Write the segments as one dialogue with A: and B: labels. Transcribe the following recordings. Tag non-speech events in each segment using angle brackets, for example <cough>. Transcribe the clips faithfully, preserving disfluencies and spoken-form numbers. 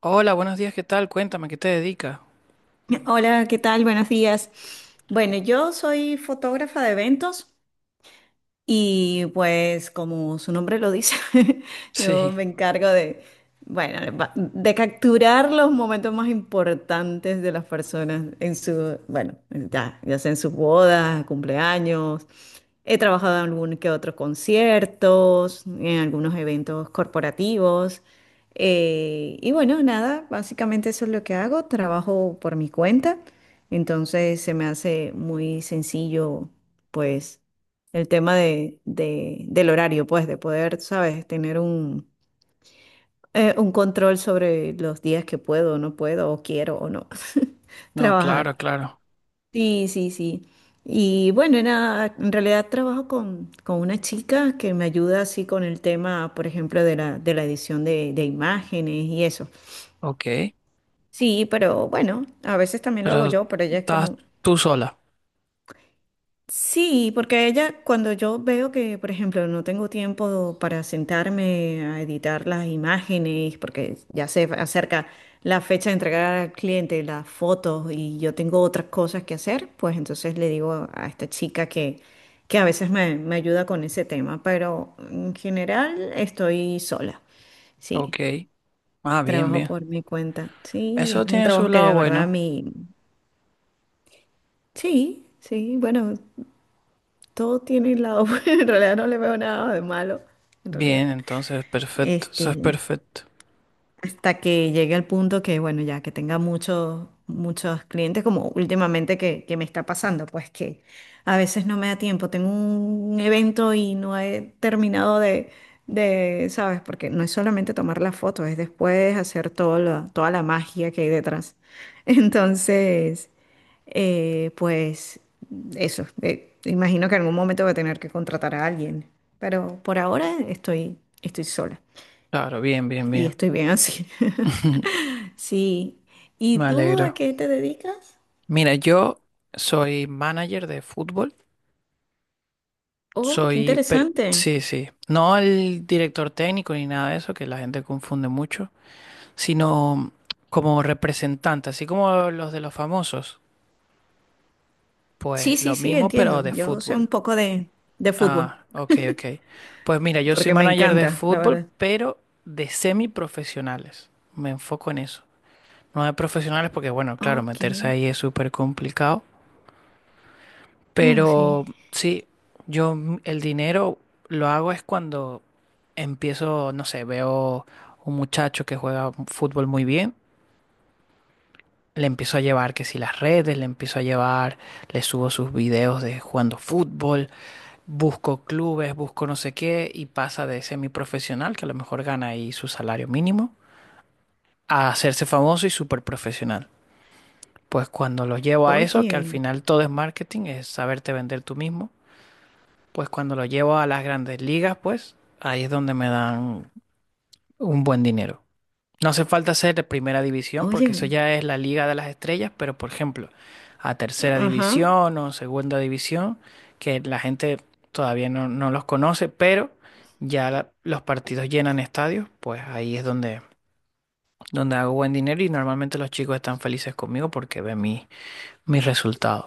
A: Hola, buenos días, ¿qué tal? Cuéntame, ¿qué te dedicas?
B: Hola, ¿qué tal? Buenos días. Bueno, yo soy fotógrafa de eventos. Y pues como su nombre lo dice, <laughs> yo
A: Sí,
B: me encargo de, bueno, va- de capturar los momentos más importantes de las personas en su, bueno, ya, ya sea en sus bodas, cumpleaños. He trabajado en algún que otros conciertos, en algunos eventos corporativos. Eh, y bueno, nada, básicamente eso es lo que hago. Trabajo por mi cuenta, entonces se me hace muy sencillo, pues el tema de, de- del horario, pues, de poder, ¿sabes?, tener un, eh, un control sobre los días que puedo o no puedo, o quiero o no <laughs>
A: no,
B: trabajar.
A: claro, claro.
B: Sí, sí, sí. Y bueno, nada, en realidad trabajo con, con una chica que me ayuda así con el tema, por ejemplo, de la, de la edición de, de imágenes y eso.
A: Ok,
B: Sí, pero bueno, a veces también lo hago
A: pero
B: yo, pero ella es
A: estás
B: como.
A: tú sola.
B: Sí, porque ella, cuando yo veo que, por ejemplo, no tengo tiempo para sentarme a editar las imágenes, porque ya se acerca la fecha de entregar al cliente las fotos y yo tengo otras cosas que hacer, pues entonces le digo a esta chica que, que a veces me, me ayuda con ese tema, pero en general estoy sola.
A: Ok,
B: Sí,
A: ah, bien,
B: trabajo
A: bien.
B: por mi cuenta. Sí,
A: Eso
B: es un
A: tiene su
B: trabajo que
A: lado
B: de verdad
A: bueno.
B: mi... Sí, sí, bueno. Todo tiene el lado <laughs> bueno. En realidad no le veo nada de malo, en realidad.
A: Bien, entonces, perfecto, eso
B: Este,
A: es perfecto.
B: hasta que llegue al punto que, bueno, ya que tenga muchos, muchos clientes, como últimamente que, que me está pasando, pues que a veces no me da tiempo, tengo un evento y no he terminado de, de, ¿sabes? Porque no es solamente tomar la foto, es después hacer todo lo- toda la magia que hay detrás. <laughs> Entonces, eh, pues eso, eh, imagino que en algún momento voy a tener que contratar a alguien, pero por ahora estoy, estoy sola
A: Claro, bien, bien,
B: y
A: bien.
B: estoy bien así. <laughs>
A: <laughs>
B: Sí. ¿Y
A: Me
B: tú a
A: alegro.
B: qué te dedicas?
A: Mira, yo soy manager de fútbol.
B: Oh, qué
A: Soy, pero,
B: interesante.
A: sí, sí. No el director técnico ni nada de eso, que la gente confunde mucho, sino como representante, así como los de los famosos.
B: Sí,
A: Pues
B: sí,
A: lo
B: sí,
A: mismo, pero
B: entiendo.
A: de
B: Yo sé
A: fútbol.
B: un poco de, de
A: Ah,
B: fútbol,
A: ok, ok. Pues mira, yo soy
B: porque me
A: manager de
B: encanta, la
A: fútbol,
B: verdad.
A: pero de semiprofesionales. Me enfoco en eso. No de profesionales porque, bueno, claro,
B: Ok.
A: meterse ahí es súper complicado.
B: Oh,
A: Pero
B: sí.
A: sí, yo m- el dinero lo hago es cuando empiezo, no sé, veo un muchacho que juega fútbol muy bien. Le empiezo a llevar que si las redes, le empiezo a llevar, le subo sus videos de jugando fútbol, busco clubes, busco no sé qué, y pasa de semiprofesional, que a lo mejor gana ahí su salario mínimo, a hacerse famoso y súper profesional. Pues cuando lo llevo a eso, que al
B: Oye,
A: final todo es marketing, es saberte vender tú mismo, pues cuando lo llevo a las grandes ligas, pues ahí es donde me dan un buen dinero. No hace falta ser de primera división porque eso
B: oye.
A: ya es la Liga de las Estrellas, pero por ejemplo, a tercera
B: Ajá.
A: división o segunda división, que la gente todavía no, no los conoce, pero ya la- los partidos llenan estadios, pues ahí es donde, donde hago buen dinero y normalmente los chicos están felices conmigo porque ven mi, mis resultados.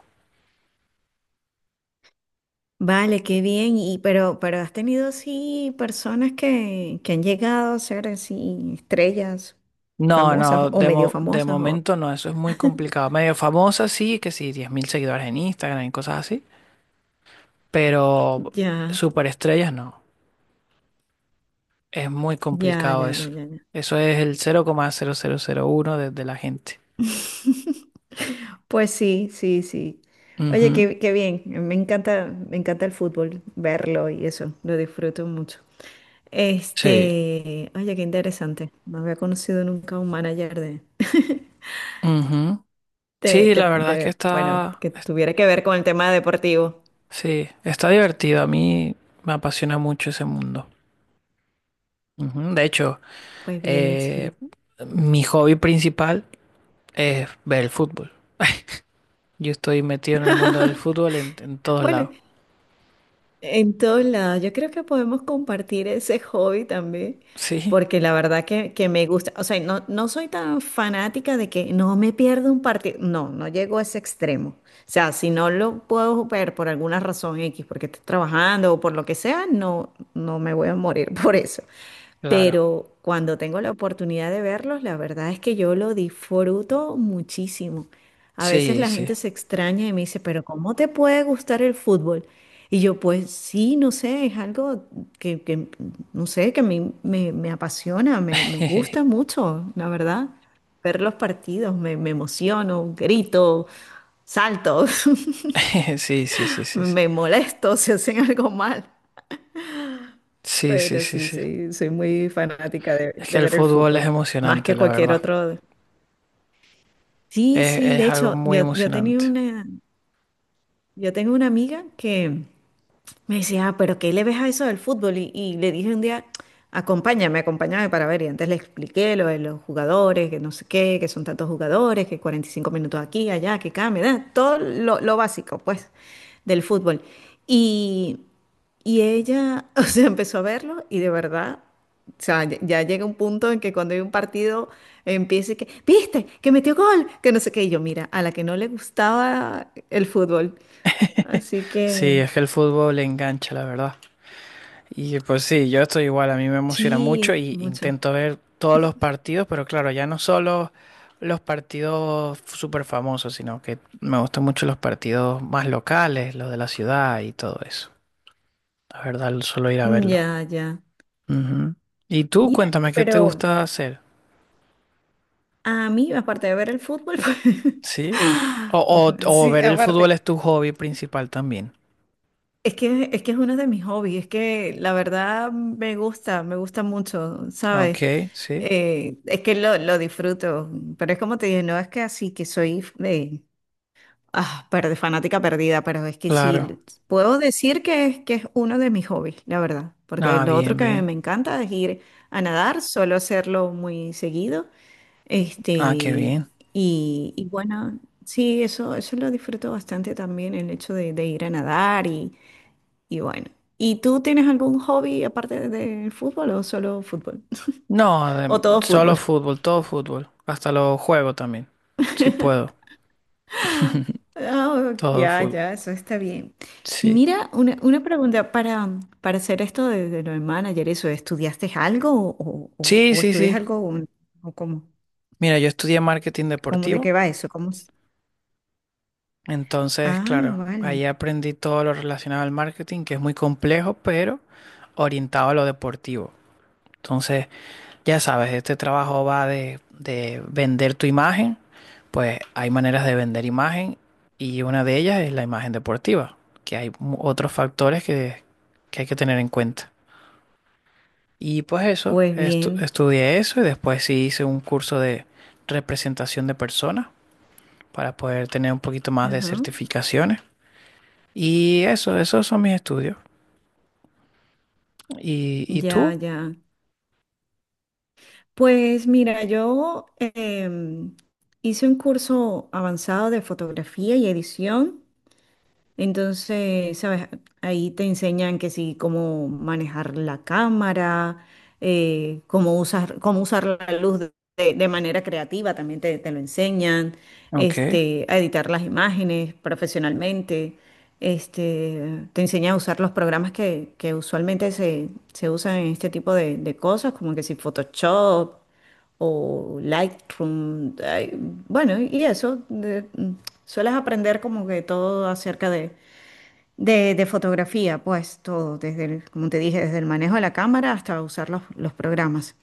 B: Vale, qué bien. Y pero, pero has tenido así personas que, que han llegado a ser así estrellas
A: No,
B: famosas
A: no,
B: o
A: de,
B: medio
A: mo- de
B: famosas o
A: momento no, eso es muy complicado. Medio famosa sí, que sí, diez mil seguidores en Instagram y cosas así, pero
B: ya,
A: superestrellas no. Es muy
B: ya,
A: complicado
B: ya, ya,
A: eso.
B: ya. Ya.
A: Eso es el cero coma cero cero cero uno de, de la gente.
B: <laughs> Pues sí, sí, sí. Oye,
A: Ujú.
B: qué, qué bien. Me encanta, me encanta el fútbol, verlo y eso. Lo disfruto mucho.
A: Sí.
B: Este, oye, qué interesante. No había conocido nunca un manager de, <laughs>
A: Ujú.
B: de,
A: Sí, la
B: de,
A: verdad es que
B: de, bueno,
A: está,
B: que
A: es-
B: tuviera que ver con el tema deportivo.
A: sí, está divertido. A mí me apasiona mucho ese mundo. Ujú. De hecho,
B: Pues bien,
A: eh,
B: sí.
A: mi hobby principal es ver el fútbol. <laughs> Yo estoy metido en el mundo del fútbol en, en todos
B: Bueno,
A: lados.
B: en todos lados, yo creo que podemos compartir ese hobby también,
A: Sí,
B: porque la verdad que, que me gusta, o sea, no, no soy tan fanática de que no me pierdo un partido, no, no llego a ese extremo, o sea, si no lo puedo ver por alguna razón X, porque estoy trabajando o por lo que sea, no, no me voy a morir <laughs> por eso,
A: claro.
B: pero cuando tengo la oportunidad de verlos, la verdad es que yo lo disfruto muchísimo. A veces
A: Sí,
B: la
A: sí.
B: gente se extraña y me dice, pero ¿cómo te puede gustar el fútbol? Y yo, pues sí, no sé, es algo que, que, no sé, que a mí me, me apasiona, me, me gusta
A: Sí,
B: mucho, la verdad. Ver los partidos, me, me emociono, grito, salto,
A: <laughs> sí, sí, sí,
B: <laughs>
A: sí.
B: me molesto si hacen algo mal.
A: Sí, sí,
B: Pero
A: sí,
B: sí,
A: sí.
B: sí, soy muy fanática de,
A: Es que
B: de
A: el
B: ver el
A: fútbol es
B: fútbol, más
A: emocionante,
B: que
A: la
B: cualquier
A: verdad.
B: otro. Sí,
A: Es,
B: sí, de
A: es algo
B: hecho,
A: muy
B: yo, yo tenía
A: emocionante.
B: una, yo tengo una amiga que me decía, ah, pero ¿qué le ves a eso del fútbol? Y, y le dije un día, acompáñame, acompáñame para ver. Y antes le expliqué lo de los jugadores, que no sé qué, que son tantos jugadores, que cuarenta y cinco minutos aquí, allá, que cambia, da, todo lo, lo básico, pues, del fútbol. Y, y ella, <laughs> o sea, empezó a verlo y de verdad, o sea, ya, ya llega un punto en que cuando hay un partido empieza y que, ¿viste? Que metió gol, que no sé qué. Y yo, mira, a la que no le gustaba el fútbol. Así
A: Sí,
B: que.
A: es que el fútbol le engancha, la verdad. Y pues sí, yo estoy igual, a mí me emociona mucho
B: Sí,
A: y
B: mucho.
A: intento ver todos los partidos, pero claro, ya no solo los partidos súper famosos, sino que me gustan mucho los partidos más locales, los de la ciudad y todo eso. La verdad, solo ir a
B: Mm.
A: verlo.
B: Ya, ya.
A: Ujú. Y tú,
B: Mira,
A: cuéntame,
B: y
A: ¿qué te
B: pero
A: gusta hacer?
B: a mí, aparte de ver el fútbol, <laughs> pues.
A: ¿Sí? O,
B: Mm.
A: o, o
B: Sí,
A: ver el fútbol
B: aparte.
A: es tu hobby principal también.
B: es que, es que es uno de mis hobbies, es que la verdad me gusta, me gusta mucho,
A: Ok,
B: ¿sabes?
A: sí.
B: Eh, es que lo, lo disfruto, pero es como te digo no es que así que soy eh, ah, perde- fanática perdida, pero es que
A: Claro.
B: sí, puedo decir que es, que es uno de mis hobbies, la verdad, porque
A: Ah,
B: lo otro
A: bien,
B: que
A: bien.
B: me encanta es ir a nadar, suelo hacerlo muy seguido. Este,
A: Ah, qué
B: y,
A: bien.
B: y bueno, sí, eso, eso lo disfruto bastante también, el hecho de, de ir a nadar y, y bueno. ¿Y tú tienes algún hobby aparte del fútbol o solo fútbol?
A: No,
B: <laughs> ¿O
A: adem-
B: todo
A: solo
B: fútbol?
A: fútbol, todo fútbol. Hasta los juegos también. Si puedo. <laughs>
B: Ah,
A: Todo
B: ya,
A: fútbol.
B: ya, eso está bien. Y
A: Sí.
B: mira, una, una pregunta para, para hacer esto de, de lo de manager, eso, ¿estudiaste algo o, o,
A: Sí,
B: o
A: sí,
B: estudias
A: sí.
B: algo o, o cómo,
A: Mira, yo estudié marketing
B: cómo, de
A: deportivo.
B: qué va eso? ¿Cómo es?
A: Entonces,
B: Ah,
A: claro,
B: vale.
A: ahí aprendí todo lo relacionado al marketing, que es muy complejo, pero orientado a lo deportivo. Entonces, ya sabes, este trabajo va de, de vender tu imagen. Pues hay maneras de vender imagen y una de ellas es la imagen deportiva, que hay mu- otros factores que, que hay que tener en cuenta. Y pues eso,
B: Pues
A: estu-
B: bien.
A: estudié eso y después sí hice un curso de representación de personas para poder tener un poquito más de
B: Ajá.
A: certificaciones. Y eso, esos son mis estudios. ¿Y, y
B: Ya,
A: tú?
B: ya. Pues mira, yo em, hice un curso avanzado de fotografía y edición, entonces, ¿sabes? Ahí te enseñan que sí, cómo manejar la cámara, eh, cómo usar, cómo usar la luz de, de- de manera creativa, también te, te lo enseñan,
A: Ok,
B: este, a editar las imágenes profesionalmente, este, te enseñan a usar los programas que, que usualmente se, se usan en este tipo de, de cosas, como que si Photoshop o Lightroom. Ay, bueno, y eso, de- mm, sueles aprender como que todo acerca de, de, de fotografía, pues todo, desde el- como te dije, desde el manejo de la cámara hasta usar los, los programas.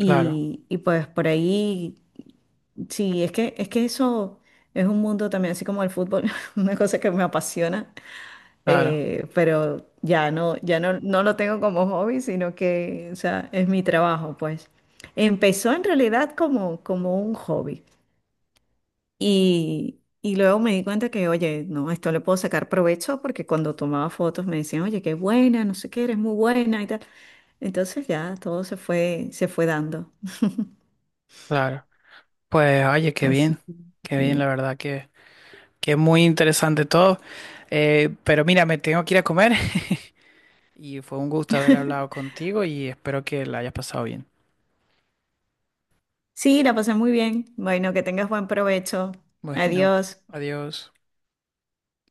A: claro,
B: y pues por ahí, sí, es que, es que, eso es un mundo también, así como el fútbol, <laughs> una cosa que me apasiona
A: claro,
B: eh, pero ya no, ya no, no lo tengo como hobby, sino que, o sea, es mi trabajo, pues. Empezó en realidad como, como un hobby y, y luego me di cuenta que, oye, no, esto le puedo sacar provecho porque cuando tomaba fotos me decían, oye, qué buena, no sé qué, eres muy buena y tal. Entonces ya todo se fue, se fue, dando.
A: claro. Pues oye, qué
B: Así
A: bien,
B: que,
A: qué bien, la
B: sí.
A: verdad que, que es muy interesante todo. Eh, pero mira, me tengo que ir a comer. <laughs> Y fue un gusto haber hablado
B: <laughs>
A: contigo y espero que la hayas pasado bien.
B: Sí, la pasé muy bien. Bueno, que tengas buen provecho.
A: Bueno,
B: Adiós.
A: adiós.